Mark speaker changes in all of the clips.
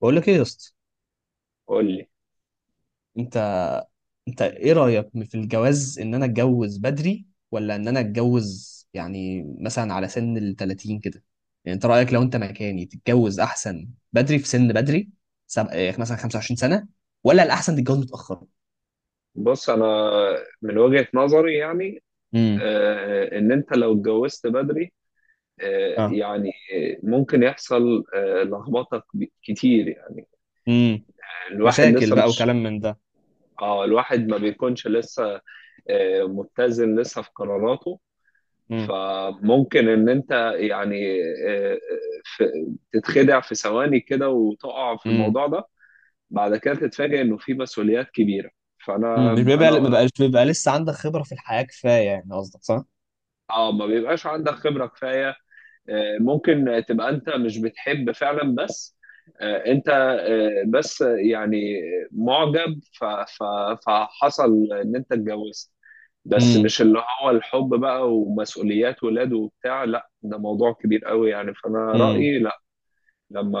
Speaker 1: بقول لك ايه يا اسطى.
Speaker 2: قول لي.
Speaker 1: انت انت ايه رايك في الجواز؟ ان انا اتجوز بدري ولا ان انا اتجوز يعني مثلا على سن ال 30 كده؟ يعني انت رايك لو انت مكاني تتجوز احسن بدري، في سن بدري؟ إيه، مثلا 25 سنه؟ ولا الاحسن تتجوز متاخر؟
Speaker 2: بص، انا من وجهة نظري يعني
Speaker 1: امم.
Speaker 2: آه، ان انت لو اتجوزت بدري،
Speaker 1: اه.
Speaker 2: يعني ممكن يحصل لخبطه كتير يعني.
Speaker 1: امم.
Speaker 2: الواحد
Speaker 1: مشاكل
Speaker 2: لسه
Speaker 1: بقى
Speaker 2: مش
Speaker 1: وكلام من ده.
Speaker 2: اه الواحد ما بيكونش لسه متزن لسه في قراراته.
Speaker 1: امم.
Speaker 2: فممكن ان انت يعني آه، تتخدع في ثواني كده وتقع في
Speaker 1: امم.
Speaker 2: الموضوع ده. بعد كده تتفاجئ انه في مسؤوليات كبيرة. فانا
Speaker 1: أمم. مش بيبقى ما
Speaker 2: انا
Speaker 1: بقاش بيبقى لسه عندك خبره في الحياه كفايه، يعني قصدك صح.
Speaker 2: اه ما بيبقاش عندك خبرة كفاية. ممكن تبقى انت مش بتحب فعلا، بس آه، انت آه، بس يعني معجب. فحصل ان انت اتجوزت، بس
Speaker 1: امم.
Speaker 2: مش اللي هو الحب بقى، ومسؤوليات ولاد وبتاع. لا، ده موضوع كبير قوي، يعني فانا
Speaker 1: امم.
Speaker 2: رأيي لا.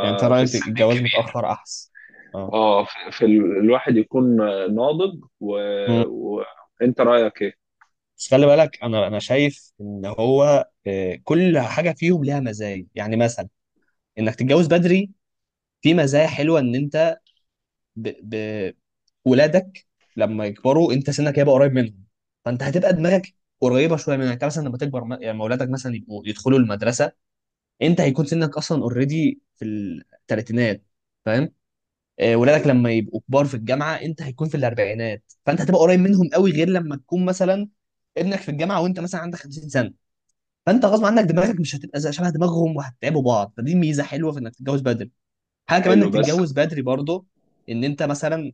Speaker 1: يعني انت
Speaker 2: في
Speaker 1: رايك
Speaker 2: السن
Speaker 1: الجواز
Speaker 2: الكبير،
Speaker 1: متاخر احسن؟ اه.
Speaker 2: اه في الواحد يكون ناضج وانت رأيك ايه؟
Speaker 1: بس خلي بالك، انا شايف ان هو كل حاجه فيهم ليها مزايا. يعني مثلا انك تتجوز بدري، في مزايا حلوه. ان انت ب... ب... ولادك لما يكبروا انت سنك هيبقى قريب منهم، فانت هتبقى دماغك قريبه شويه منك. يعني انت مثلا لما تكبر، يعني لما ولادك مثلا يبقوا يدخلوا المدرسه انت هيكون سنك اصلا اوريدي في الثلاثينات، فاهم؟ ولادك
Speaker 2: أيوة.
Speaker 1: لما يبقوا كبار في الجامعه انت هيكون في الاربعينات، فانت هتبقى قريب منهم قوي. غير لما تكون مثلا ابنك في الجامعه وانت مثلا عندك 50 سنه، فانت غصب عنك دماغك مش هتبقى شبه دماغهم وهتتعبوا بعض. فدي ميزه حلوه في انك تتجوز بدري. حاجه كمان
Speaker 2: حلو،
Speaker 1: انك
Speaker 2: بس
Speaker 1: تتجوز بدري برضه، ان انت مثلا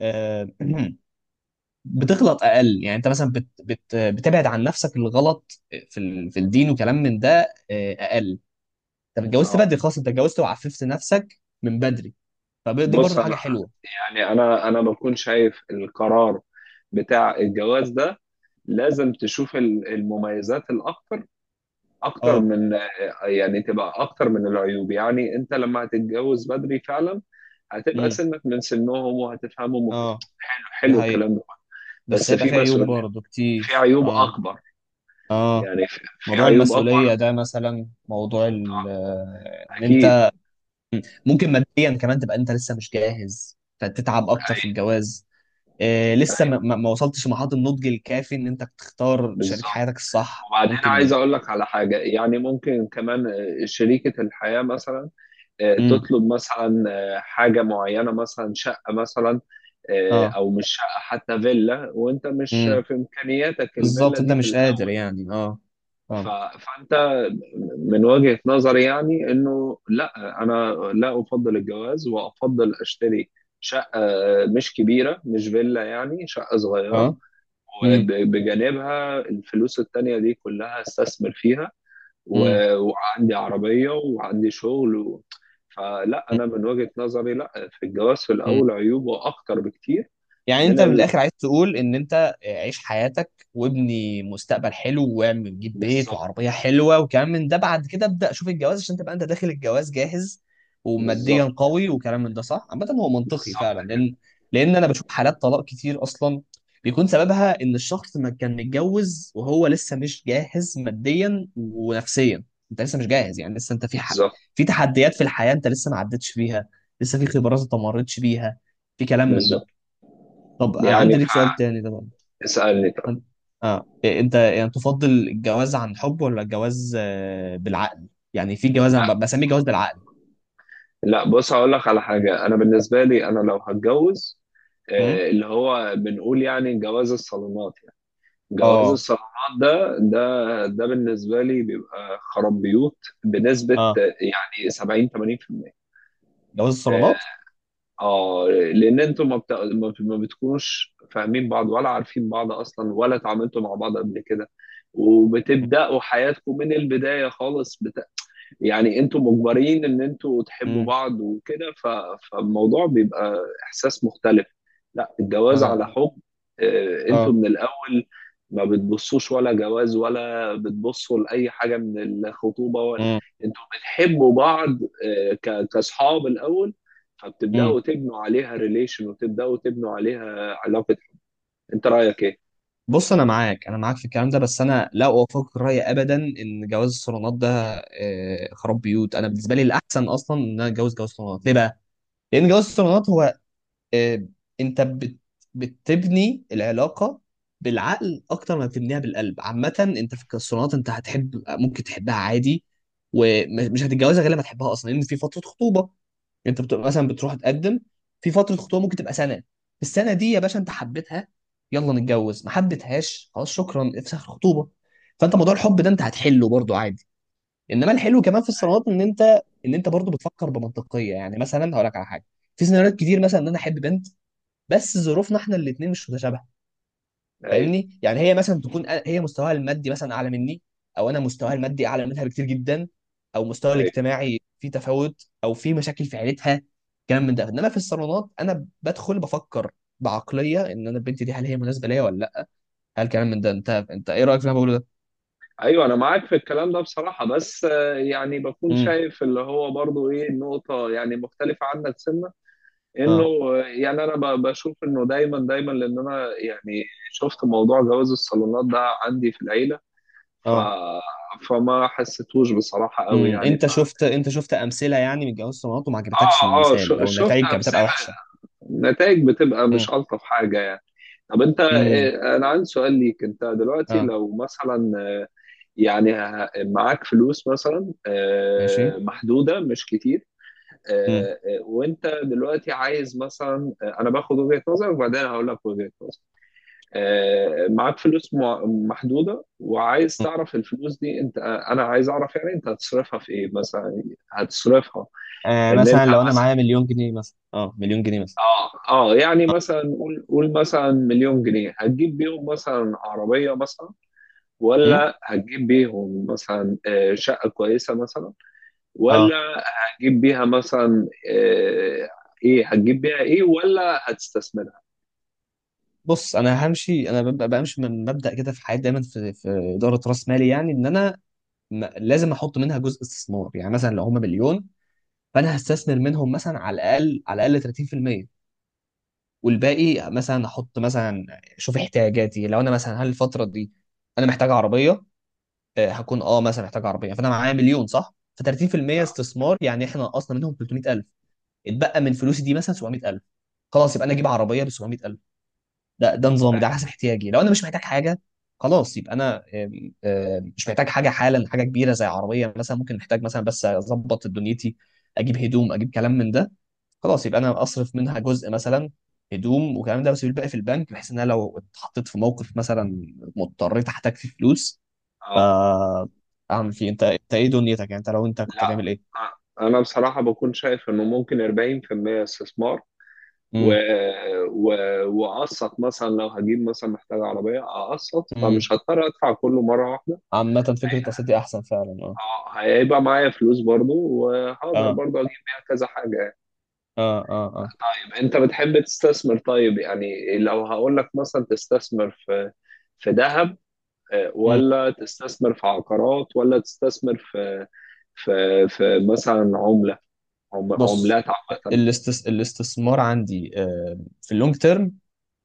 Speaker 1: آه، بتغلط اقل. يعني انت مثلا بت بت بتبعد عن نفسك الغلط في الدين وكلام من ده اقل. انت اتجوزت
Speaker 2: اه
Speaker 1: بدري خلاص، انت اتجوزت وعففت نفسك من بدري، فدي
Speaker 2: بص
Speaker 1: برضه
Speaker 2: انا،
Speaker 1: حاجه حلوه.
Speaker 2: يعني انا بكون شايف القرار بتاع الجواز ده لازم تشوف المميزات الاكتر، اكتر
Speaker 1: اه.
Speaker 2: من، يعني تبقى اكتر من العيوب. يعني انت لما هتتجوز بدري فعلا، هتبقى
Speaker 1: امم.
Speaker 2: سنك من سنهم وهتفهمهم
Speaker 1: اه.
Speaker 2: حلو
Speaker 1: دي
Speaker 2: حلو
Speaker 1: حقيقة.
Speaker 2: الكلام ده،
Speaker 1: بس
Speaker 2: بس
Speaker 1: هيبقى
Speaker 2: في
Speaker 1: فيه عيوب
Speaker 2: مسؤولية،
Speaker 1: برضه
Speaker 2: في
Speaker 1: كتير،
Speaker 2: عيوب
Speaker 1: اه.
Speaker 2: اكبر.
Speaker 1: اه،
Speaker 2: يعني في
Speaker 1: موضوع
Speaker 2: عيوب
Speaker 1: المسؤولية
Speaker 2: اكبر
Speaker 1: ده، مثلا موضوع ان
Speaker 2: اكيد.
Speaker 1: انت. مم. ممكن ماديا كمان تبقى انت لسه مش جاهز، فتتعب اكتر في
Speaker 2: أي-
Speaker 1: الجواز. إيه،
Speaker 2: أي،
Speaker 1: لسه ما وصلتش لمرحله النضج الكافي ان انت تختار شريك
Speaker 2: بالظبط.
Speaker 1: حياتك الصح،
Speaker 2: وبعدين عايز
Speaker 1: ممكن.
Speaker 2: اقول لك على حاجه. يعني ممكن كمان شريكه الحياه مثلا
Speaker 1: امم.
Speaker 2: تطلب مثلا حاجه معينه، مثلا شقه مثلا،
Speaker 1: اه.
Speaker 2: او مش شقه، حتى فيلا، وانت مش
Speaker 1: امم.
Speaker 2: في امكانياتك
Speaker 1: بالظبط
Speaker 2: الفيلا
Speaker 1: انت
Speaker 2: دي في
Speaker 1: مش قادر
Speaker 2: الاول.
Speaker 1: يعني، اه.
Speaker 2: ف-
Speaker 1: اه.
Speaker 2: فانت من وجهه نظري، يعني انه لا، انا لا افضل الجواز، وافضل اشتري شقه مش كبيره، مش فيلا، يعني شقه صغيره،
Speaker 1: اه. امم.
Speaker 2: وبجانبها الفلوس التانية دي كلها استثمر فيها، وعندي عربية وعندي شغل. فلا، أنا من وجهة نظري لا، في الجواز في
Speaker 1: امم.
Speaker 2: الأول عيوبه أكتر بكتير
Speaker 1: يعني
Speaker 2: من
Speaker 1: انت من
Speaker 2: ال...
Speaker 1: الاخر عايز تقول ان انت عيش حياتك وابني مستقبل حلو واعمل جيب بيت
Speaker 2: بالظبط.
Speaker 1: وعربيه حلوه وكلام من ده، بعد كده ابدا شوف الجواز عشان تبقى انت داخل الجواز جاهز وماديا
Speaker 2: بالظبط.
Speaker 1: قوي وكلام من ده. صح، عامه هو منطقي
Speaker 2: بالظبط
Speaker 1: فعلا.
Speaker 2: كده.
Speaker 1: لان انا بشوف حالات طلاق كتير اصلا، بيكون سببها ان الشخص ما كان متجوز وهو لسه مش جاهز ماديا ونفسيا. انت لسه مش جاهز، يعني لسه انت في حق،
Speaker 2: بالظبط،
Speaker 1: في تحديات في الحياه انت لسه ما عدتش فيها، لسه في خبرات انت ما مريتش بيها، في كلام من
Speaker 2: بالظبط.
Speaker 1: ده. طب انا عندي
Speaker 2: يعني
Speaker 1: ليك سؤال تاني ده بقى.
Speaker 2: فاسألني طب.
Speaker 1: عن- اه إيه، انت يعني تفضل الجواز عن حب ولا الجواز بالعقل؟ يعني في جواز انا بسميه جواز بالعقل.
Speaker 2: لا، بص، هقول لك على حاجة. أنا بالنسبة لي، أنا لو هتجوز،
Speaker 1: امم.
Speaker 2: اللي هو بنقول يعني جواز الصالونات. يعني جواز
Speaker 1: اه.
Speaker 2: الصالونات ده بالنسبة لي بيبقى خراب بيوت بنسبة
Speaker 1: اه.
Speaker 2: يعني 70 80%.
Speaker 1: جواز الصالونات.
Speaker 2: اه لان انتوا ما بتكونوش فاهمين بعض، ولا عارفين بعض اصلا، ولا اتعاملتوا مع بعض قبل كده. وبتبداوا حياتكم من البدايه خالص. يعني انتوا مجبرين ان انتوا تحبوا
Speaker 1: امم.
Speaker 2: بعض وكده. فالموضوع بيبقى احساس مختلف. لا، الجواز
Speaker 1: انا.
Speaker 2: على حب، انتوا
Speaker 1: اه.
Speaker 2: من الاول ما بتبصوش ولا جواز، ولا بتبصوا لاي حاجه من الخطوبه
Speaker 1: امم.
Speaker 2: انتوا بتحبوا بعض كاصحاب الاول،
Speaker 1: امم.
Speaker 2: فبتبداوا تبنوا عليها ريليشن، وتبداوا تبنوا عليها علاقه. انت رايك ايه؟
Speaker 1: بص، انا معاك في الكلام ده. بس انا لا اوافقك الراي ابدا ان جواز الصالونات ده خراب بيوت. انا بالنسبه لي الاحسن اصلا ان انا اتجوز جواز صالونات. ليه بقى؟ لان جواز الصالونات هو آه، انت بتبني العلاقه بالعقل اكتر ما بتبنيها بالقلب. عامه انت في الصالونات، انت هتحب، ممكن تحبها عادي، ومش هتتجوزها غير لما تحبها اصلا، لان في فتره خطوبه. انت بتبقى مثلا بتروح تقدم، في فتره خطوبه ممكن تبقى سنه، في السنه دي يا باشا انت حبيتها، يلا نتجوز. ما حبيتهاش، خلاص، شكرا، افسخ الخطوبه. فانت موضوع الحب ده انت هتحله برضو عادي. انما الحلو كمان في الصالونات ان انت برضو بتفكر بمنطقيه. يعني مثلا، هقول لك على حاجه، في سيناريوهات كتير مثلا ان انا احب بنت، بس ظروفنا احنا الاثنين مش متشابهه.
Speaker 2: ايوه،
Speaker 1: فاهمني؟ يعني هي مثلا تكون هي مستواها المادي مثلا اعلى مني، او انا مستواها المادي اعلى منها بكتير جدا، او مستواها
Speaker 2: ايوه،
Speaker 1: الاجتماعي في تفاوت، او في مشاكل في عيلتها، كلام من ده. انما في الصالونات انا بدخل بفكر بعقليه ان انا البنت دي هل هي مناسبه ليا ولا لا، هل كلام من ده. انت ايه رايك في اللي انا بقوله ده؟
Speaker 2: ايوه، انا معاك في الكلام ده بصراحه. بس يعني بكون
Speaker 1: امم.
Speaker 2: شايف اللي هو برضو ايه النقطه يعني مختلفه عنك سنه، انه
Speaker 1: اه.
Speaker 2: يعني انا بشوف انه دايما دايما. لان انا يعني شفت موضوع جواز الصالونات ده عندي في العيله. ف
Speaker 1: اه.
Speaker 2: فما حسيتوش بصراحه قوي،
Speaker 1: امم.
Speaker 2: يعني.
Speaker 1: انت شفت امثله يعني من جواز الصالونات وما
Speaker 2: اه،
Speaker 1: عجبتكش
Speaker 2: اه،
Speaker 1: المثال، او
Speaker 2: شفت
Speaker 1: النتائج كانت بتبقى
Speaker 2: امثله،
Speaker 1: وحشه؟
Speaker 2: نتائج بتبقى
Speaker 1: امم.
Speaker 2: مش الطف حاجه يعني. طب انت،
Speaker 1: امم.
Speaker 2: انا عندي سؤال ليك. انت دلوقتي
Speaker 1: اه.
Speaker 2: لو مثلا، يعني معاك فلوس مثلا،
Speaker 1: ماشي.
Speaker 2: محدودة مش كتير،
Speaker 1: امم.
Speaker 2: اه، وانت دلوقتي عايز، مثلا انا باخد وجهة نظرك، وبعدين هقول لك وجهة نظري. اه، معاك فلوس محدودة، وعايز تعرف الفلوس دي انت، انا عايز اعرف يعني انت هتصرفها في ايه مثلا. هتصرفها، ان انت
Speaker 1: مثلا لو انا
Speaker 2: مثلا،
Speaker 1: معايا مليون جنيه مثلا، مليون جنيه مثلا.
Speaker 2: اه يعني مثلا، قول قول مثلا مليون جنيه هتجيب بيهم مثلا عربية مثلا،
Speaker 1: امم.
Speaker 2: ولا هتجيب بيهم مثلا شقة كويسة مثلا، ولا
Speaker 1: اه.
Speaker 2: هتجيب بيها مثلا ايه، هتجيب بيها ايه، ولا هتستثمرها؟
Speaker 1: بص، انا همشي، انا ببقى بمشي من مبدأ كده في حياتي دايما، في اداره راس مالي، يعني ان انا لازم احط منها جزء استثمار. يعني مثلا لو هم مليون، فانا هستثمر منهم مثلا على الاقل، على الاقل 30%. والباقي مثلا احط مثلا، شوف احتياجاتي لو انا مثلا هل الفتره دي انا محتاج عربيه. هكون مثلا محتاج عربيه، فانا معايا مليون صح، ف 30% استثمار، يعني احنا نقصنا منهم 300,000، اتبقى من فلوسي دي مثلا 700,000. خلاص يبقى انا اجيب عربيه ب 700,000. ده نظامي، ده على حسب احتياجي. لو انا مش محتاج حاجه، خلاص يبقى انا آم، آم، مش محتاج حاجه حالا، حاجه كبيره زي عربيه مثلا، ممكن محتاج مثلا بس اظبط دنيتي، اجيب هدوم اجيب كلام من ده. خلاص يبقى انا اصرف منها جزء مثلا هدوم وكلام ده، بس الباقي في البنك، بحيث ان انا لو اتحطيت في موقف مثلا مضطريت احتاج فيه فلوس ف
Speaker 2: اه،
Speaker 1: اعمل فيه. انت ايه دنيتك؟ يعني انت لو انت كنت
Speaker 2: لا،
Speaker 1: هتعمل ايه؟
Speaker 2: آه، انا بصراحة بكون شايف انه ممكن 40% استثمار، و...
Speaker 1: امم.
Speaker 2: و... واقسط مثلا، لو هجيب مثلا محتاج عربية، اقسط
Speaker 1: امم.
Speaker 2: فمش هضطر ادفع كله مرة واحدة.
Speaker 1: عامه فكره التصدي احسن فعلا. اه.
Speaker 2: هيبقى معايا فلوس برضو، وهقدر
Speaker 1: اه.
Speaker 2: برضو اجيب بيها كذا حاجة.
Speaker 1: اه. اه. اه.
Speaker 2: طيب، انت بتحب تستثمر. طيب يعني لو هقول لك مثلا تستثمر في ذهب، ولا تستثمر في عقارات، ولا تستثمر في في مثلا عملة،
Speaker 1: بص،
Speaker 2: عملات عامة.
Speaker 1: الاستثمار عندي في اللونج تيرم.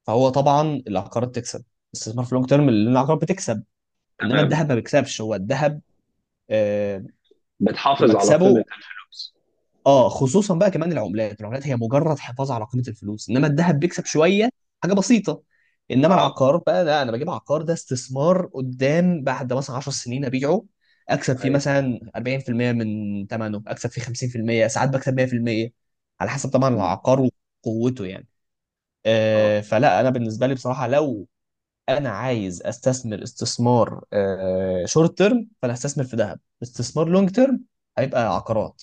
Speaker 1: فهو طبعا العقارات تكسب، الاستثمار في اللونج تيرم اللي العقارات بتكسب. انما
Speaker 2: تمام.
Speaker 1: الذهب ما بيكسبش، هو الذهب آه،
Speaker 2: بتحافظ على قيمة
Speaker 1: مكسبه
Speaker 2: الفلوس.
Speaker 1: اه، خصوصا بقى. كمان العملات، العملات هي مجرد حفاظ على قيمه الفلوس، انما الذهب بيكسب شويه، حاجه بسيطه. انما
Speaker 2: اه،
Speaker 1: العقار بقى لا، انا بجيب عقار، ده استثمار قدام، بعد مثلا 10 سنين ابيعه، اكسب فيه
Speaker 2: اي،
Speaker 1: مثلا 40% من ثمنه، اكسب فيه 50%، ساعات بكسب 100% على حسب طبعا
Speaker 2: م،
Speaker 1: العقار وقوته يعني.
Speaker 2: اه،
Speaker 1: فلا انا بالنسبه لي بصراحه، لو انا عايز استثمر استثمار شورت تيرم، فانا هستثمر في ذهب. استثمار لونج تيرم هيبقى عقارات.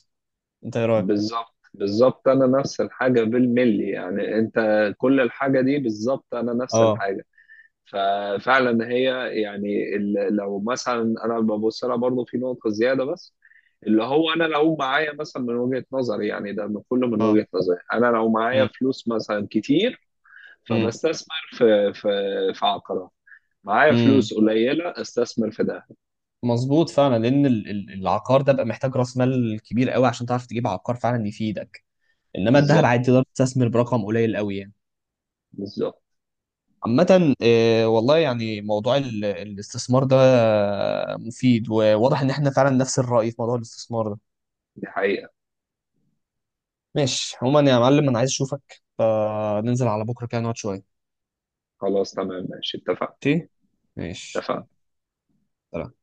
Speaker 1: انت ايه رايك؟
Speaker 2: بالظبط، بالظبط، انا نفس الحاجة بالملي. يعني انت، كل الحاجة دي بالظبط، انا نفس
Speaker 1: اه.
Speaker 2: الحاجة. ففعلا هي يعني لو مثلا انا ببص لها برضه في نقطه زياده، بس اللي هو انا لو معايا مثلا، من وجهه نظري يعني ده، كله من وجهه نظري، انا لو معايا
Speaker 1: مم.
Speaker 2: فلوس مثلا كتير،
Speaker 1: مم.
Speaker 2: فبستثمر في عقارات. معايا
Speaker 1: مم.
Speaker 2: فلوس قليله، استثمر في ده.
Speaker 1: مظبوط فعلا، لان العقار ده بقى محتاج راس مال كبير قوي عشان تعرف تجيب عقار فعلا يفيدك. انما الذهب
Speaker 2: بالظبط،
Speaker 1: عادي تقدر تستثمر برقم قليل قوي يعني.
Speaker 2: بالظبط،
Speaker 1: عامة، والله يعني موضوع الاستثمار ده مفيد، وواضح ان احنا فعلا نفس الرأي في موضوع الاستثمار ده.
Speaker 2: دي حقيقه.
Speaker 1: ماشي عموما يا معلم، انا عايز اشوفك، فننزل على بكرة كده نقعد شوية.
Speaker 2: خلاص، تمام، ماشي، اتفقنا،
Speaker 1: ماشي. ماشي يلا.
Speaker 2: اتفقنا.
Speaker 1: سلام.